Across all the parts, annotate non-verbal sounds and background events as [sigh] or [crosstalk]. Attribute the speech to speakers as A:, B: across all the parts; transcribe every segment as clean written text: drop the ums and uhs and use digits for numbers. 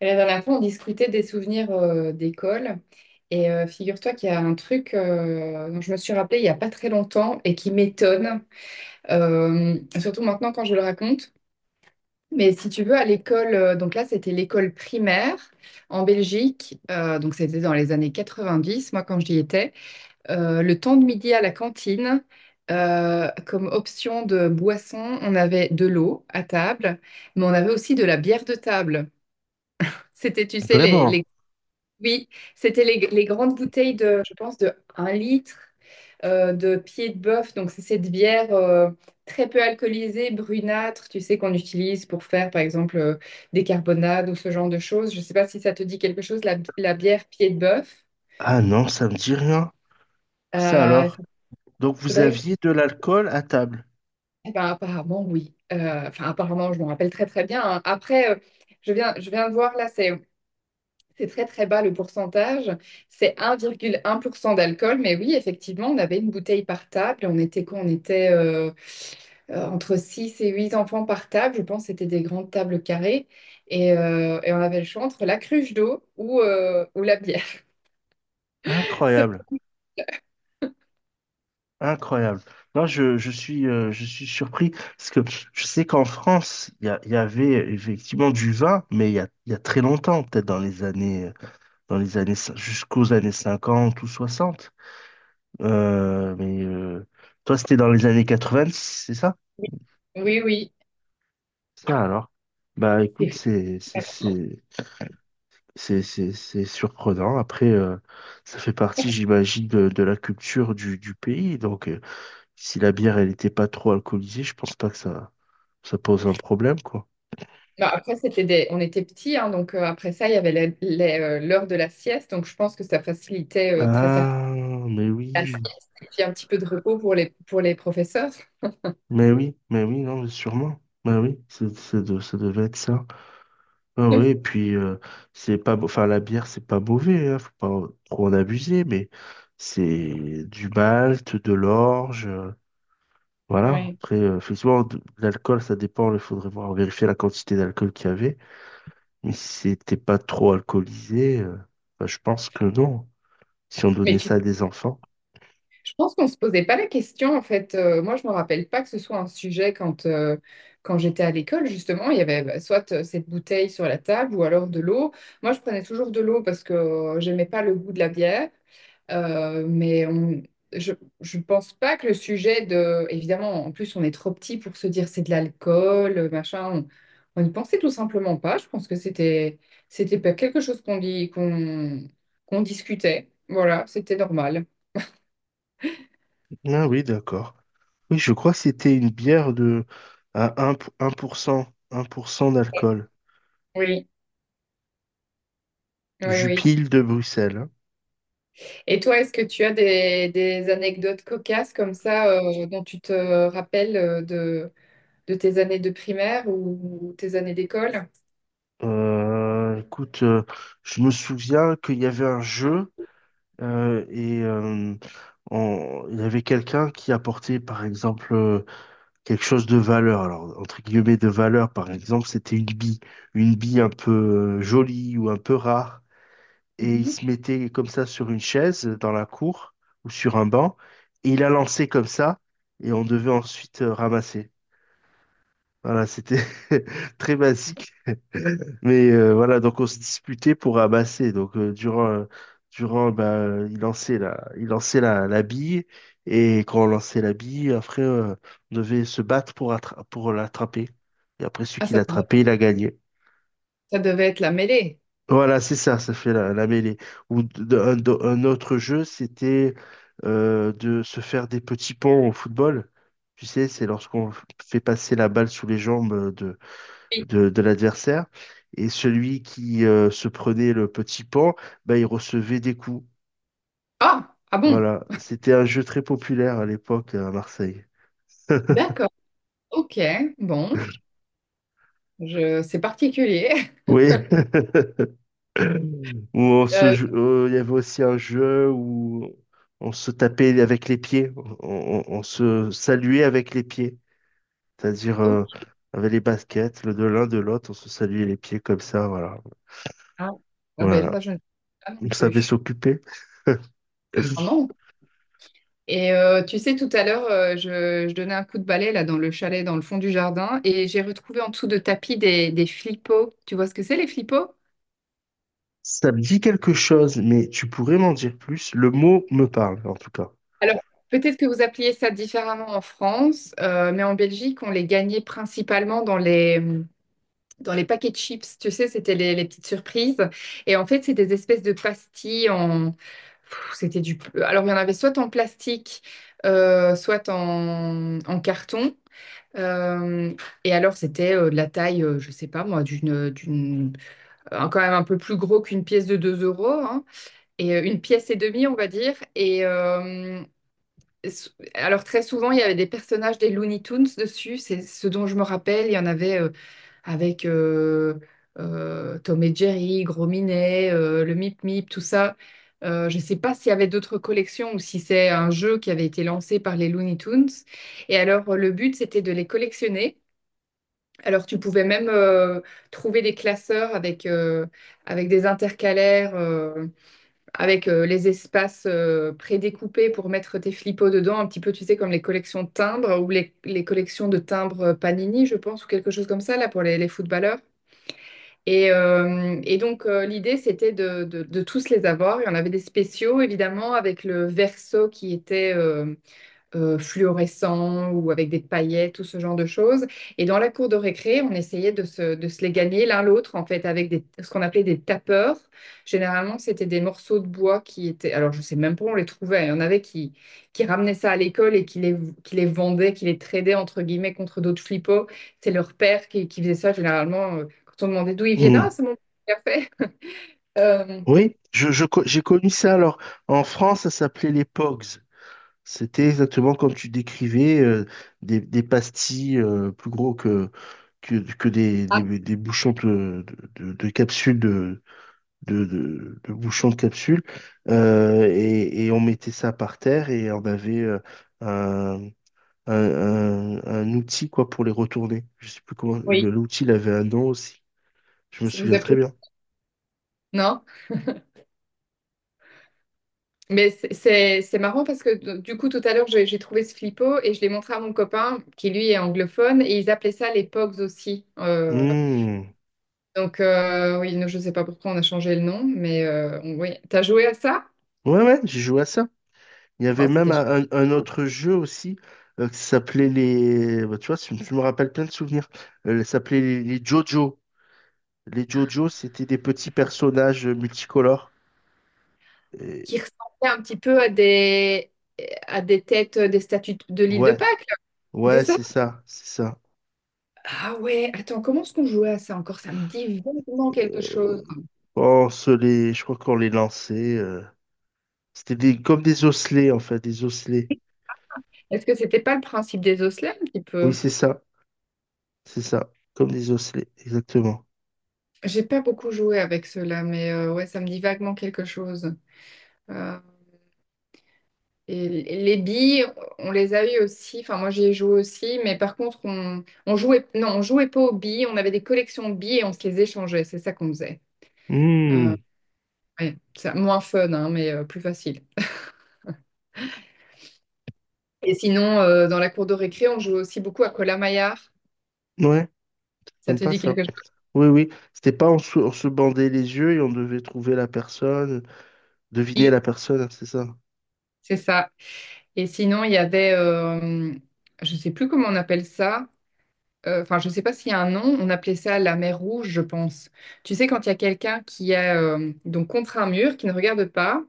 A: La dernière fois, on discutait des souvenirs d'école. Et figure-toi qu'il y a un truc dont je me suis rappelée il n'y a pas très longtemps et qui m'étonne, surtout maintenant quand je le raconte. Mais si tu veux, à l'école, donc là, c'était l'école primaire en Belgique. Donc c'était dans les années 90, moi, quand j'y étais. Le temps de midi à la cantine, comme option de boisson, on avait de l'eau à table, mais on avait aussi de la bière de table. C'était, tu sais, les,
B: Vraiment?
A: les oui, c'était les grandes bouteilles de, je pense, de 1 litre de pied de bœuf. Donc, c'est cette bière très peu alcoolisée, brunâtre, tu sais, qu'on utilise pour faire, par exemple, des carbonades ou ce genre de choses. Je ne sais pas si ça te dit quelque chose, la bière pied de bœuf.
B: Ah non, ça me dit rien. Ça
A: Euh, Il
B: alors?
A: fa-
B: Donc vous
A: faudrait que je...
B: aviez de l'alcool à table.
A: Eh ben, apparemment, oui. Enfin, apparemment, je m'en rappelle très, très bien, hein. Après, je viens de voir, là, c'est très très bas le pourcentage, c'est 1,1% d'alcool, mais oui, effectivement, on avait une bouteille par table, on était quoi? On était entre 6 et 8 enfants par table, je pense que c'était des grandes tables carrées, et on avait le choix entre la cruche d'eau ou la bière. [laughs] Ce-
B: Incroyable, incroyable. Non, je suis, je suis surpris parce que je sais qu'en France, il y avait effectivement du vin, mais il y a très longtemps, peut-être dans les années, jusqu'aux années 50 ou 60. Euh, mais euh, Toi, c'était dans les années 90, c'est ça?
A: Oui, oui.
B: Ça alors? Bah écoute,
A: C'est-
B: c'est surprenant. Après, ça fait partie, j'imagine, de la culture du pays. Donc, si la bière, elle n'était pas trop alcoolisée, je pense pas que ça pose un problème, quoi.
A: Non, après, c'était des... on était petits, hein, donc après ça, il y avait l'heure de la sieste, donc je pense que ça facilitait très certainement
B: Ah, mais
A: la
B: oui,
A: sieste, et puis un petit peu de repos pour pour les professeurs.
B: mais oui, mais oui, non, mais sûrement. Mais oui, c'est, ça devait être ça. Ah oui, et
A: [laughs]
B: puis, c'est pas, enfin, la bière, c'est pas mauvais, hein, faut pas trop en abuser, mais c'est du malt, de l'orge. Voilà.
A: Oui.
B: Après, effectivement, l'alcool, ça dépend. Il faudrait voir, vérifier la quantité d'alcool qu'il y avait. Mais si c'était pas trop alcoolisé, bah, je pense que non. Si on
A: Mais
B: donnait
A: tu-
B: ça à des enfants.
A: je pense qu'on ne se posait pas la question, en fait. Moi, je ne me rappelle pas que ce soit un sujet quand, quand j'étais à l'école, justement. Il y avait bah, soit cette bouteille sur la table ou alors de l'eau. Moi, je prenais toujours de l'eau parce que j'aimais pas le goût de la bière. Euh, mais on- je ne pense pas que le sujet de... Évidemment, en plus, on est trop petit pour se dire c'est de l'alcool, machin. On n'y pensait tout simplement pas. Je pense que c'était pas quelque chose qu'on dit, qu'on discutait. Voilà, c'était normal.
B: Ah oui, d'accord. Oui, je crois que c'était une bière de à un pour cent d'alcool.
A: Oui. Oui, oui.
B: Jupille de Bruxelles, hein.
A: Et toi, est-ce que tu as des anecdotes cocasses comme ça dont tu te rappelles de tes années de primaire ou tes années d'école?
B: Écoute, je me souviens qu'il y avait un jeu euh, et euh, il y avait quelqu'un qui apportait, par exemple, quelque chose de valeur. Alors, entre guillemets, de valeur, par exemple, c'était une bille un peu jolie ou un peu rare. Et il
A: Mhm.
B: se mettait comme ça sur une chaise dans la cour ou sur un banc. Et il a lancé comme ça. Et on devait ensuite ramasser. Voilà, c'était [laughs] très basique. Mais voilà, donc on se disputait pour ramasser. Donc durant bah, il lançait la bille et quand on lançait la bille, après on devait se battre pour pour l'attraper. Et après celui
A: Ah,
B: qui
A: ça devait,
B: l'attrapait, il a gagné.
A: Ça devait être la mêlée.
B: Voilà, c'est ça, ça fait la, la mêlée. Ou un autre jeu, c'était de se faire des petits ponts au football. Tu sais, c'est lorsqu'on fait passer la balle sous les jambes
A: Oui.
B: de l'adversaire. Et celui qui se prenait le petit pan, bah, il recevait des coups.
A: Ah, ah bon,
B: Voilà, c'était un jeu très populaire à l'époque, hein, à Marseille.
A: d'accord, ok, bon, c'est particulier. [laughs]
B: Oui, [laughs] où on se,
A: Euh,
B: il y avait aussi un jeu où on se tapait avec les pieds, on se saluait avec les pieds, c'est-à-dire
A: oh,
B: avec les baskets, le de l'un de l'autre, on se saluait les pieds comme ça, voilà.
A: ah, ah ben
B: Voilà,
A: ça, je ne sais pas non
B: on savait
A: plus.
B: s'occuper.
A: Ah non. Et tu sais, tout à l'heure, je donnais un coup de balai là dans le chalet, dans le fond du jardin, et j'ai retrouvé en dessous de tapis des flipos. Tu vois ce que c'est, les flipos?
B: Ça me dit quelque chose, mais tu pourrais m'en dire plus. Le mot me parle, en tout cas.
A: Alors, peut-être que vous appeliez ça différemment en France, mais en Belgique, on les gagnait principalement dans les paquets de chips. Tu sais, c'était les petites surprises. Et en fait, c'est des espèces de pastilles en... Pff, c'était du... Alors, il y en avait soit en plastique, soit en, en carton. Euh, et alors, c'était de la taille, je sais pas moi, quand même un peu plus gros qu'une pièce de 2 euros, hein, et une pièce et demie, on va dire. Et alors, très souvent, il y avait des personnages des Looney Tunes dessus, c'est ce dont je me rappelle. Il y en avait avec Tom et Jerry, Gros Minet, le Mip Mip, tout ça. Je sais pas s'il y avait d'autres collections ou si c'est un jeu qui avait été lancé par les Looney Tunes. Et alors, le but, c'était de les collectionner. Alors, tu pouvais même trouver des classeurs avec, avec des intercalaires, avec les espaces prédécoupés pour mettre tes flipos dedans, un petit peu, tu sais, comme les collections de timbres ou les collections de timbres Panini, je pense, ou quelque chose comme ça, là, pour les footballeurs. Et donc, l'idée, c'était de tous les avoir. Il y en avait des spéciaux, évidemment, avec le verso qui était, fluorescents ou avec des paillettes, tout ce genre de choses. Et dans la cour de récré, on essayait de se les gagner l'un l'autre, en fait, avec des, ce qu'on appelait des tapeurs. Généralement, c'était des morceaux de bois qui étaient... Alors, je ne sais même pas où on les trouvait. Il y en avait qui ramenaient ça à l'école et qui les vendaient, qui les tradaient, entre guillemets, contre d'autres flippos. C'est leur père qui faisait ça, généralement, quand on demandait d'où ils viennent.
B: Hmm.
A: Ah, c'est mon père qui l'a fait. Euh,
B: Oui, j'ai connu ça. Alors, en France, ça s'appelait les Pogs. C'était exactement comme tu décrivais, des pastilles plus gros que, que des,
A: ah,
B: des bouchons de, de capsules, de, de bouchons de capsules. Et on mettait ça par terre et on avait euh, un outil, quoi, pour les retourner. Je sais plus comment.
A: oui,
B: L'outil, il avait un nom aussi. Je me
A: ça vous
B: souviens très
A: appelez...
B: bien.
A: Non? Mais c'est marrant parce que du coup, tout à l'heure, j'ai trouvé ce flippo et je l'ai montré à mon copain qui, lui, est anglophone et ils appelaient ça les Pogs aussi.
B: Hmm.
A: Donc, oui, non, je ne sais pas pourquoi on a changé le nom, mais oui. T'as joué à ça?
B: Ouais, ouais, j'ai joué à ça. Il y avait
A: Oh,
B: même
A: c'était chouette.
B: un autre jeu aussi qui s'appelait les. Bah, tu vois, tu me rappelles plein de souvenirs. Ça s'appelait les Jojo. Les Jojo, c'était des petits personnages multicolores.
A: Qui
B: Et-
A: ressemblait un petit peu à des têtes des statues de l'île de
B: Ouais,
A: Pâques, là.
B: ouais,
A: C'était ça?
B: c'est ça, c'est ça.
A: Ah ouais, attends, comment est-ce qu'on jouait à ça encore? Ça me dit vaguement quelque chose.
B: On se les, je crois qu'on les lançait. C'était des, comme des osselets en fait, des osselets.
A: Est-ce que c'était pas le principe des osselets un petit
B: Oui,
A: peu?
B: c'est ça. C'est ça, comme des osselets, exactement.
A: J'ai pas beaucoup joué avec ceux-là, mais ouais, ça me dit vaguement quelque chose. Euh, et les billes, on les a eu aussi. Enfin, moi, j'y ai joué aussi, mais par contre, on jouait pas aux billes. On avait des collections de billes et on se les échangeait. C'est ça qu'on faisait.
B: Hmm,
A: Ouais, c'est moins fun, hein, mais plus facile. Et sinon, dans la cour de récré, on jouait aussi beaucoup à Cola maillard.
B: ouais,
A: Ça te
B: sympa
A: dit
B: ça.
A: quelque chose?
B: Oui, oui, c'était pas on se, on se bandait les yeux et on devait trouver la personne, deviner
A: Oui,
B: la personne, hein, c'est ça.
A: c'est ça. Et sinon, il y avait, je sais plus comment on appelle ça. Enfin, je ne sais pas s'il y a un nom, on appelait ça la mer rouge, je pense. Tu sais, quand il y a quelqu'un qui est donc contre un mur, qui ne regarde pas,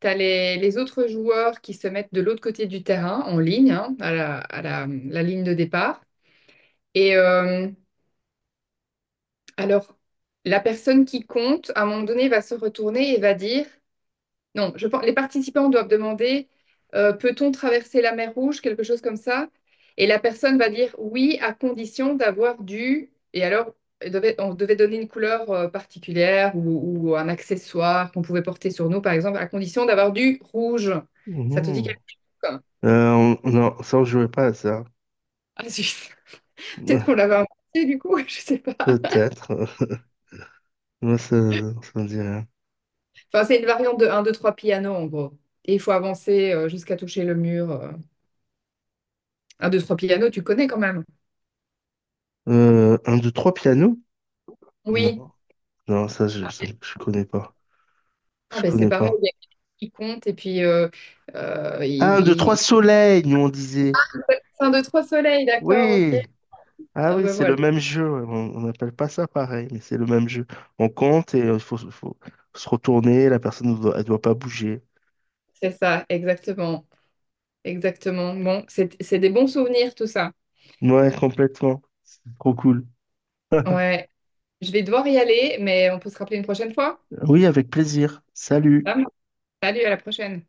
A: tu as les autres joueurs qui se mettent de l'autre côté du terrain, en ligne, hein, à la ligne de départ. Et alors, la personne qui compte, à un moment donné, va se retourner et va dire. Non, je pense, les participants doivent demander peut-on traverser la mer Rouge, quelque chose comme ça. Et la personne va dire oui, à condition d'avoir du. Et alors, on devait donner une couleur particulière ou un accessoire qu'on pouvait porter sur nous, par exemple, à condition d'avoir du rouge. Ça te dit
B: Mhm.
A: quelque chose, hein?
B: Euh, non, ça on jouait pas à ça.
A: Ah, zut. [laughs] Peut-être qu'on
B: [laughs]
A: l'avait inventé du coup, [laughs] je sais pas.
B: Peut-être. [laughs] Moi, ça me dit rien.
A: Enfin, c'est une variante de un, 2, 3 piano en gros. Et il faut avancer jusqu'à toucher le mur. 1, 2, 3 piano, tu connais quand même.
B: Un, deux, trois pianos? Non,
A: Oui.
B: non, ça, je connais pas.
A: Ah
B: Je
A: ben c'est
B: connais
A: pareil,
B: pas.
A: il y a quelqu'un qui compte et puis euh, il,
B: Ah, un, deux,
A: il-
B: trois
A: il-
B: soleils, nous on disait.
A: un, deux, trois soleils, d'accord, ok.
B: Oui. Ah
A: Ah
B: oui,
A: ben
B: c'est le
A: voilà,
B: même jeu, ouais. On n'appelle pas ça pareil, mais c'est le même jeu. On compte et faut se retourner. La personne, ne doit- elle doit pas bouger.
A: c'est ça, exactement, exactement. Bon, c'est des bons souvenirs tout ça.
B: Ouais, complètement. C'est trop cool.
A: Ouais, je vais devoir y aller, mais on peut se rappeler une prochaine fois.
B: Oui, avec plaisir. Salut.
A: Ça marche. Salut, à la prochaine.